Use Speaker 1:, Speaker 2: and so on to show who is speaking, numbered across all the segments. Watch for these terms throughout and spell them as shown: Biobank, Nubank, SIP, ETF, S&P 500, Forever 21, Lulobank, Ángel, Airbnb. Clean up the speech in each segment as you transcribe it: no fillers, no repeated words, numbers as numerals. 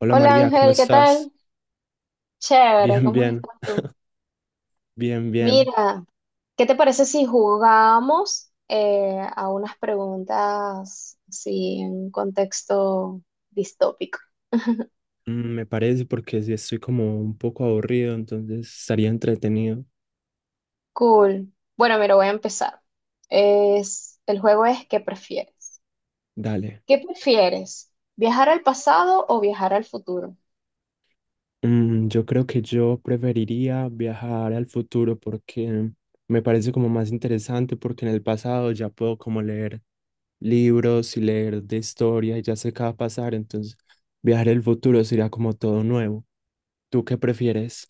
Speaker 1: Hola
Speaker 2: Hola
Speaker 1: María, ¿cómo
Speaker 2: Ángel, ¿qué
Speaker 1: estás?
Speaker 2: tal? Chévere,
Speaker 1: Bien,
Speaker 2: ¿cómo
Speaker 1: bien,
Speaker 2: estás tú?
Speaker 1: bien, bien.
Speaker 2: Mira, ¿qué te parece si jugamos a unas preguntas así en un contexto distópico?
Speaker 1: Me parece porque sí estoy como un poco aburrido, entonces estaría entretenido.
Speaker 2: Cool. Bueno, mira, voy a empezar. Es, el juego es ¿qué prefieres?
Speaker 1: Dale.
Speaker 2: ¿Qué prefieres? ¿Viajar al pasado o viajar al futuro?
Speaker 1: Yo creo que yo preferiría viajar al futuro porque me parece como más interesante porque en el pasado ya puedo como leer libros y leer de historia y ya sé qué va a pasar, entonces viajar al futuro sería como todo nuevo. ¿Tú qué prefieres?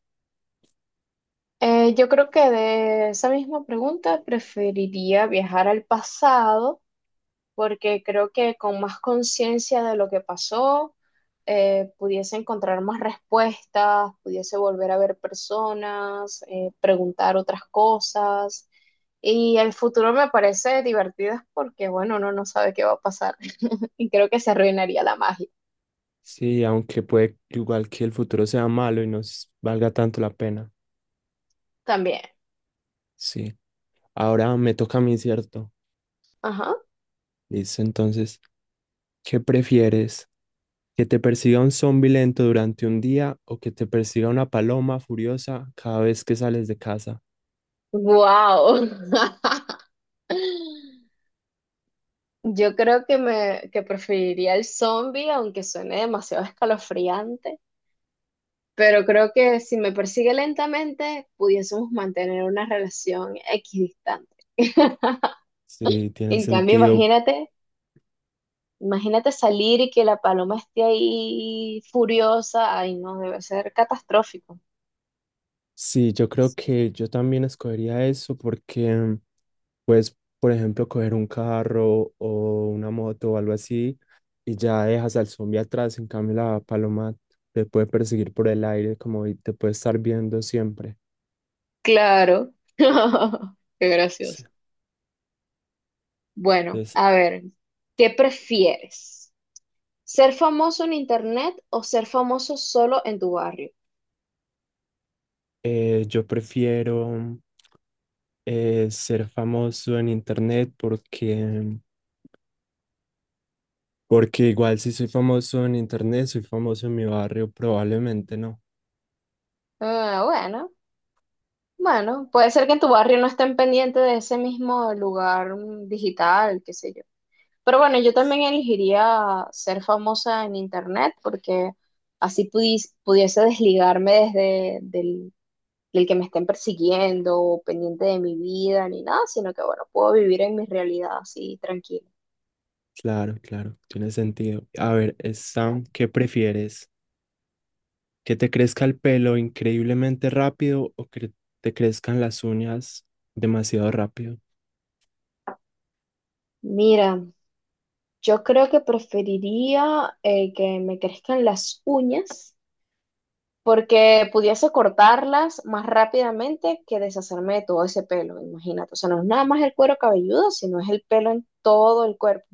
Speaker 2: Yo creo que de esa misma pregunta preferiría viajar al pasado porque creo que con más conciencia de lo que pasó, pudiese encontrar más respuestas, pudiese volver a ver personas, preguntar otras cosas. Y el futuro me parece divertido porque, bueno, uno no sabe qué va a pasar. Y creo que se arruinaría la magia
Speaker 1: Sí, aunque puede igual que el futuro sea malo y no s- valga tanto la pena.
Speaker 2: también.
Speaker 1: Sí. Ahora me toca a mí, ¿cierto?
Speaker 2: Ajá.
Speaker 1: Listo, entonces, ¿qué prefieres? ¿Que te persiga un zombi lento durante un día o que te persiga una paloma furiosa cada vez que sales de casa?
Speaker 2: Wow. Yo creo que me que preferiría el zombie, aunque suene demasiado escalofriante. Pero creo que si me persigue lentamente, pudiésemos mantener una relación equidistante.
Speaker 1: Sí, tiene
Speaker 2: En cambio,
Speaker 1: sentido.
Speaker 2: imagínate, imagínate salir y que la paloma esté ahí furiosa. Ay, no, debe ser catastrófico.
Speaker 1: Sí, yo creo que yo también escogería eso porque puedes, por ejemplo, coger un carro o una moto o algo así y ya dejas al zombi atrás. En cambio, la paloma te puede perseguir por el aire como y te puede estar viendo siempre.
Speaker 2: Claro. Qué
Speaker 1: Sí.
Speaker 2: gracioso. Bueno,
Speaker 1: Entonces,
Speaker 2: a ver, ¿qué prefieres? ¿Ser famoso en internet o ser famoso solo en tu barrio?
Speaker 1: Yo prefiero ser famoso en internet porque igual si soy famoso en internet, soy famoso en mi barrio, probablemente no.
Speaker 2: Ah, bueno, bueno, puede ser que en tu barrio no estén pendientes de ese mismo lugar digital, qué sé yo. Pero bueno, yo también elegiría ser famosa en internet porque así pudiese desligarme del que me estén persiguiendo o pendiente de mi vida ni nada, sino que bueno, puedo vivir en mi realidad así tranquila.
Speaker 1: Claro, claro, tiene sentido. A ver, Sam, ¿qué prefieres? ¿Que te crezca el pelo increíblemente rápido o que te crezcan las uñas demasiado rápido?
Speaker 2: Mira, yo creo que preferiría que me crezcan las uñas porque pudiese cortarlas más rápidamente que deshacerme de todo ese pelo, imagínate. O sea, no es nada más el cuero cabelludo, sino es el pelo en todo el cuerpo.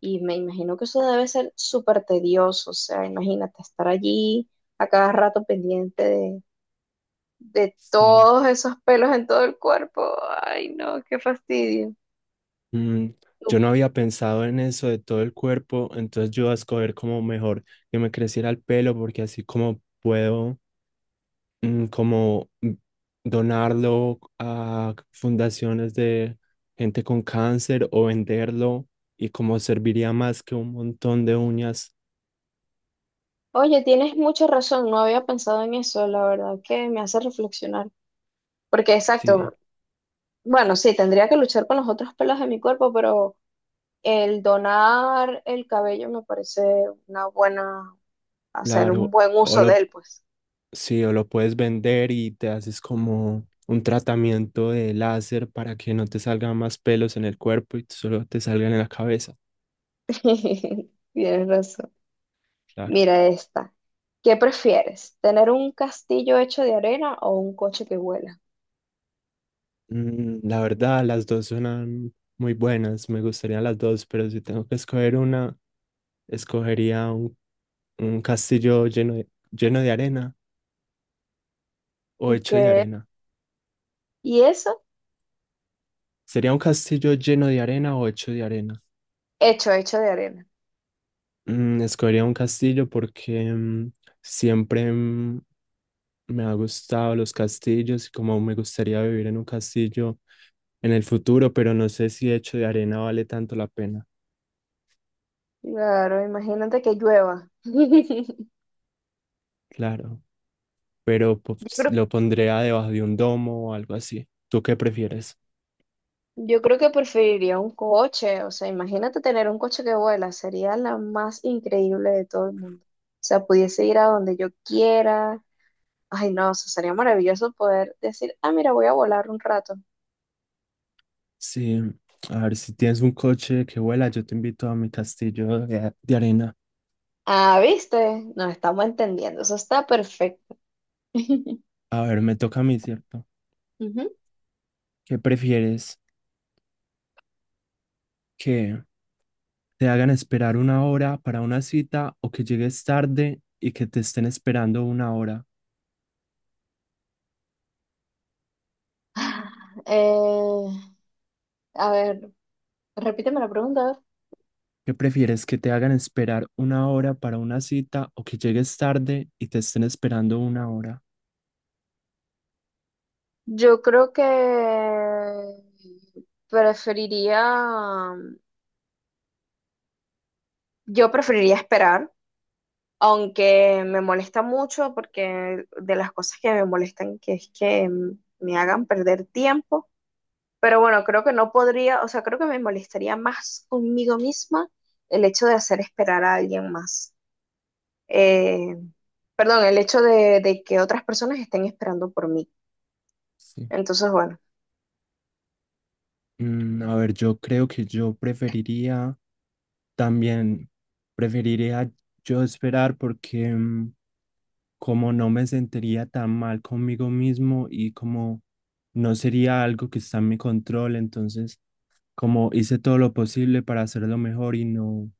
Speaker 2: Y me imagino que eso debe ser súper tedioso, o sea, imagínate estar allí a cada rato pendiente de
Speaker 1: Sí.
Speaker 2: todos esos pelos en todo el cuerpo. Ay, no, qué fastidio.
Speaker 1: Mm, yo
Speaker 2: Tú...
Speaker 1: no había pensado en eso de todo el cuerpo, entonces yo voy a escoger como mejor que me creciera el pelo porque así como puedo mm, como mm, donarlo a fundaciones de gente con cáncer o venderlo y como serviría más que un montón de uñas.
Speaker 2: Oye, tienes mucha razón, no había pensado en eso, la verdad que me hace reflexionar. Porque
Speaker 1: Sí,
Speaker 2: exacto, bueno, sí, tendría que luchar con los otros pelos de mi cuerpo, pero... El donar el cabello me parece una buena, hacer un
Speaker 1: claro.
Speaker 2: buen
Speaker 1: O
Speaker 2: uso de
Speaker 1: lo,
Speaker 2: él, pues.
Speaker 1: sí, o lo puedes vender y te haces como un tratamiento de láser para que no te salgan más pelos en el cuerpo y solo te salgan en la cabeza.
Speaker 2: Tienes razón.
Speaker 1: Claro.
Speaker 2: Mira esta. ¿Qué prefieres? ¿Tener un castillo hecho de arena o un coche que vuela?
Speaker 1: La verdad, las dos suenan muy buenas, me gustarían las dos, pero si tengo que escoger una, escogería un castillo lleno de arena o hecho de
Speaker 2: ¿Qué?
Speaker 1: arena.
Speaker 2: ¿Y eso?
Speaker 1: ¿Sería un castillo lleno de arena o hecho de arena?
Speaker 2: Hecho, hecho de arena.
Speaker 1: Escogería un castillo porque siempre mm, me ha gustado los castillos y como me gustaría vivir en un castillo en el futuro, pero no sé si hecho de arena vale tanto la pena.
Speaker 2: Claro, imagínate que llueva.
Speaker 1: Claro, pero
Speaker 2: Yo
Speaker 1: pues,
Speaker 2: creo,
Speaker 1: lo pondría debajo de un domo o algo así. ¿Tú qué prefieres?
Speaker 2: yo creo que preferiría un coche. O sea, imagínate tener un coche que vuela. Sería la más increíble de todo el mundo. O sea, pudiese ir a donde yo quiera. Ay, no, eso sería maravilloso poder decir, ah, mira, voy a volar un rato.
Speaker 1: Sí, a ver, si tienes un coche que vuela, yo te invito a mi castillo de arena.
Speaker 2: Ah, viste, nos estamos entendiendo, eso está perfecto.
Speaker 1: A ver, me toca a mí, ¿cierto?
Speaker 2: Ujú.
Speaker 1: ¿Qué prefieres? ¿Que te hagan esperar una hora para una cita o que llegues tarde y que te estén esperando una hora?
Speaker 2: Eh, a ver, repíteme la pregunta. A ver.
Speaker 1: ¿Qué prefieres? ¿Que te hagan esperar una hora para una cita o que llegues tarde y te estén esperando una hora?
Speaker 2: Yo creo que preferiría, yo preferiría esperar, aunque me molesta mucho porque de las cosas que me molestan que es que me hagan perder tiempo. Pero bueno, creo que no podría, o sea, creo que me molestaría más conmigo misma el hecho de hacer esperar a alguien más. Eh, perdón, el hecho de que otras personas estén esperando por mí.
Speaker 1: Sí.
Speaker 2: Entonces, bueno.
Speaker 1: A ver, yo creo que yo también, preferiría yo esperar porque... como no me sentiría tan mal conmigo mismo y como no sería algo que está en mi control, entonces como hice todo lo posible para hacerlo mejor y no,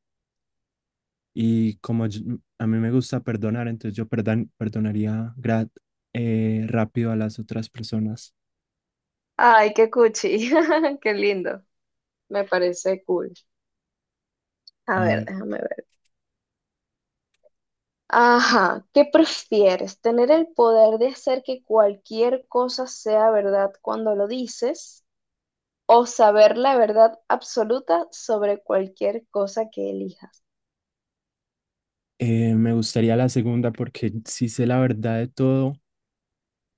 Speaker 1: y a mí me gusta perdonar, entonces yo perdan perdonaría rápido a las otras personas.
Speaker 2: Ay, qué cuchi, qué lindo. Me parece cool. A
Speaker 1: A
Speaker 2: ver,
Speaker 1: ver,
Speaker 2: déjame ver. Ajá, ¿qué prefieres? ¿Tener el poder de hacer que cualquier cosa sea verdad cuando lo dices o saber la verdad absoluta sobre cualquier cosa que elijas?
Speaker 1: me gustaría la segunda porque si sé la verdad de todo,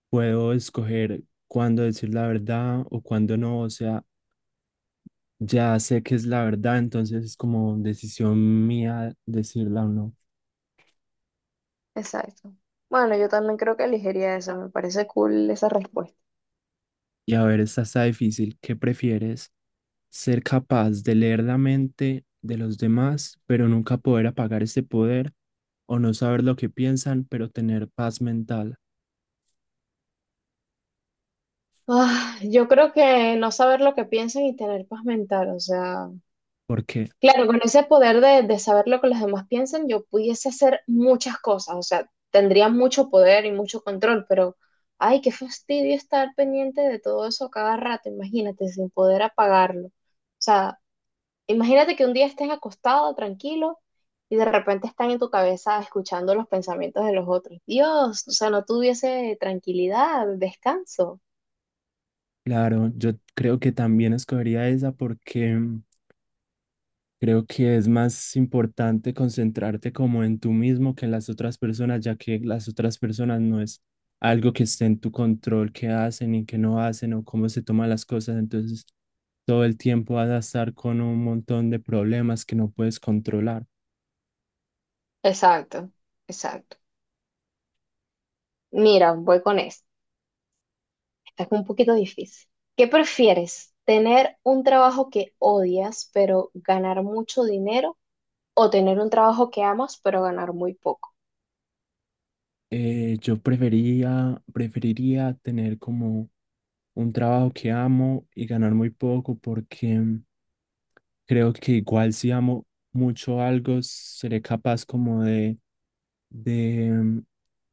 Speaker 1: puedo escoger cuándo decir la verdad o cuándo no, o sea, ya sé que es la verdad, entonces es como decisión mía decirla o no.
Speaker 2: Exacto. Bueno, yo también creo que elegiría eso, me parece cool esa respuesta.
Speaker 1: Y a ver, esta está difícil. ¿Qué prefieres? ¿Ser capaz de leer la mente de los demás, pero nunca poder apagar ese poder? ¿O no saber lo que piensan, pero tener paz mental?
Speaker 2: Ah, yo creo que no saber lo que piensan y tener paz mental, o sea,
Speaker 1: Porque,
Speaker 2: claro, con ese poder de saber lo que los demás piensan, yo pudiese hacer muchas cosas, o sea, tendría mucho poder y mucho control, pero, ay, qué fastidio estar pendiente de todo eso a cada rato, imagínate, sin poder apagarlo. O sea, imagínate que un día estés acostado, tranquilo, y de repente están en tu cabeza escuchando los pensamientos de los otros. Dios, o sea, no tuviese tranquilidad, descanso.
Speaker 1: claro, yo creo que también escogería esa porque creo que es más importante concentrarte como en tú mismo que en las otras personas, ya que las otras personas no es algo que esté en tu control, qué hacen y qué no hacen o cómo se toman las cosas. Entonces, todo el tiempo vas a estar con un montón de problemas que no puedes controlar.
Speaker 2: Exacto, exacto. Mira, voy con esto. Esta es un poquito difícil. ¿Qué prefieres? ¿Tener un trabajo que odias pero ganar mucho dinero o tener un trabajo que amas pero ganar muy poco?
Speaker 1: Preferiría tener como un trabajo que amo y ganar muy poco porque creo que igual si amo mucho algo, seré capaz como de, mm,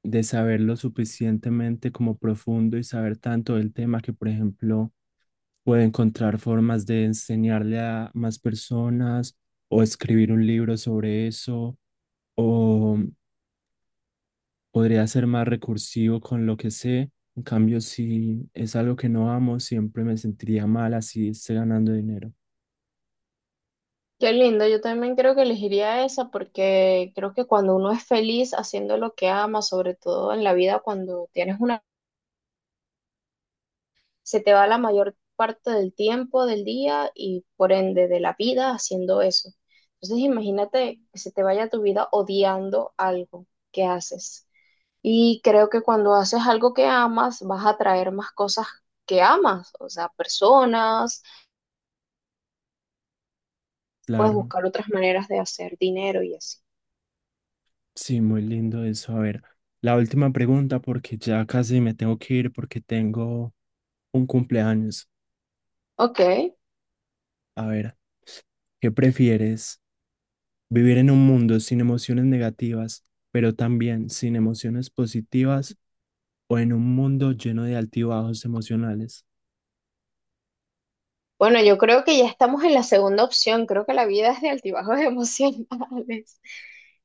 Speaker 1: de saberlo suficientemente como profundo y saber tanto del tema que, por ejemplo, puedo encontrar formas de enseñarle a más personas o escribir un libro sobre eso o podría ser más recursivo con lo que sé. En cambio, si es algo que no amo, siempre me sentiría mal así esté ganando dinero.
Speaker 2: Qué lindo, yo también creo que elegiría esa porque creo que cuando uno es feliz haciendo lo que ama, sobre todo en la vida cuando tienes una, se te va la mayor parte del tiempo del día y por ende de la vida haciendo eso. Entonces imagínate que se te vaya tu vida odiando algo que haces. Y creo que cuando haces algo que amas, vas a atraer más cosas que amas, o sea, personas, puedes
Speaker 1: Claro.
Speaker 2: buscar otras maneras de hacer dinero y así.
Speaker 1: Sí, muy lindo eso. A ver, la última pregunta porque ya casi me tengo que ir porque tengo un cumpleaños.
Speaker 2: Ok.
Speaker 1: A ver, ¿qué prefieres? ¿Vivir en un mundo sin emociones negativas, pero también sin emociones positivas o en un mundo lleno de altibajos emocionales?
Speaker 2: Bueno, yo creo que ya estamos en la segunda opción. Creo que la vida es de altibajos emocionales.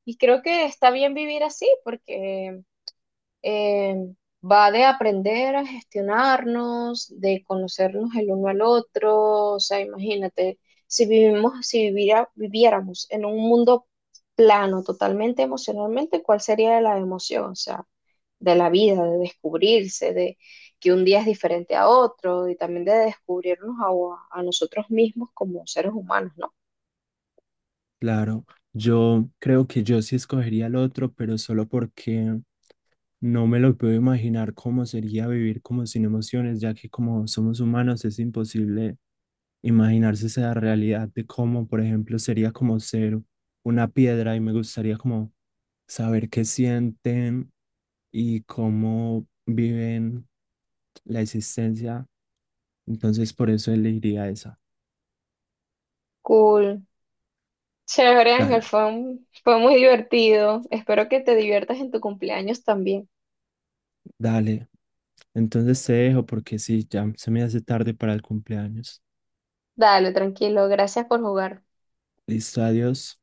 Speaker 2: Y creo que está bien vivir así, porque eh, va de aprender a gestionarnos, de conocernos el uno al otro, o sea, imagínate, si vivimos, si viviera- viviéramos en un mundo plano, totalmente emocionalmente, ¿cuál sería la emoción? O sea, de la vida, de descubrirse, de que un día es diferente a otro y también de descubrirnos a nosotros mismos como seres humanos, ¿no?
Speaker 1: Claro, yo creo que yo sí escogería el otro, pero solo porque no me lo puedo imaginar cómo sería vivir como sin emociones, ya que como somos humanos es imposible imaginarse esa realidad de cómo, por ejemplo, sería como ser una piedra y me gustaría como saber qué sienten y cómo viven la existencia. Entonces, por eso elegiría esa.
Speaker 2: Cool. Chévere, Ángel,
Speaker 1: Dale,
Speaker 2: fue muy divertido. Espero que te diviertas en tu cumpleaños también.
Speaker 1: dale. Entonces te dejo porque sí, ya se me hace tarde para el cumpleaños.
Speaker 2: Dale, tranquilo. Gracias por jugar.
Speaker 1: Listo, adiós.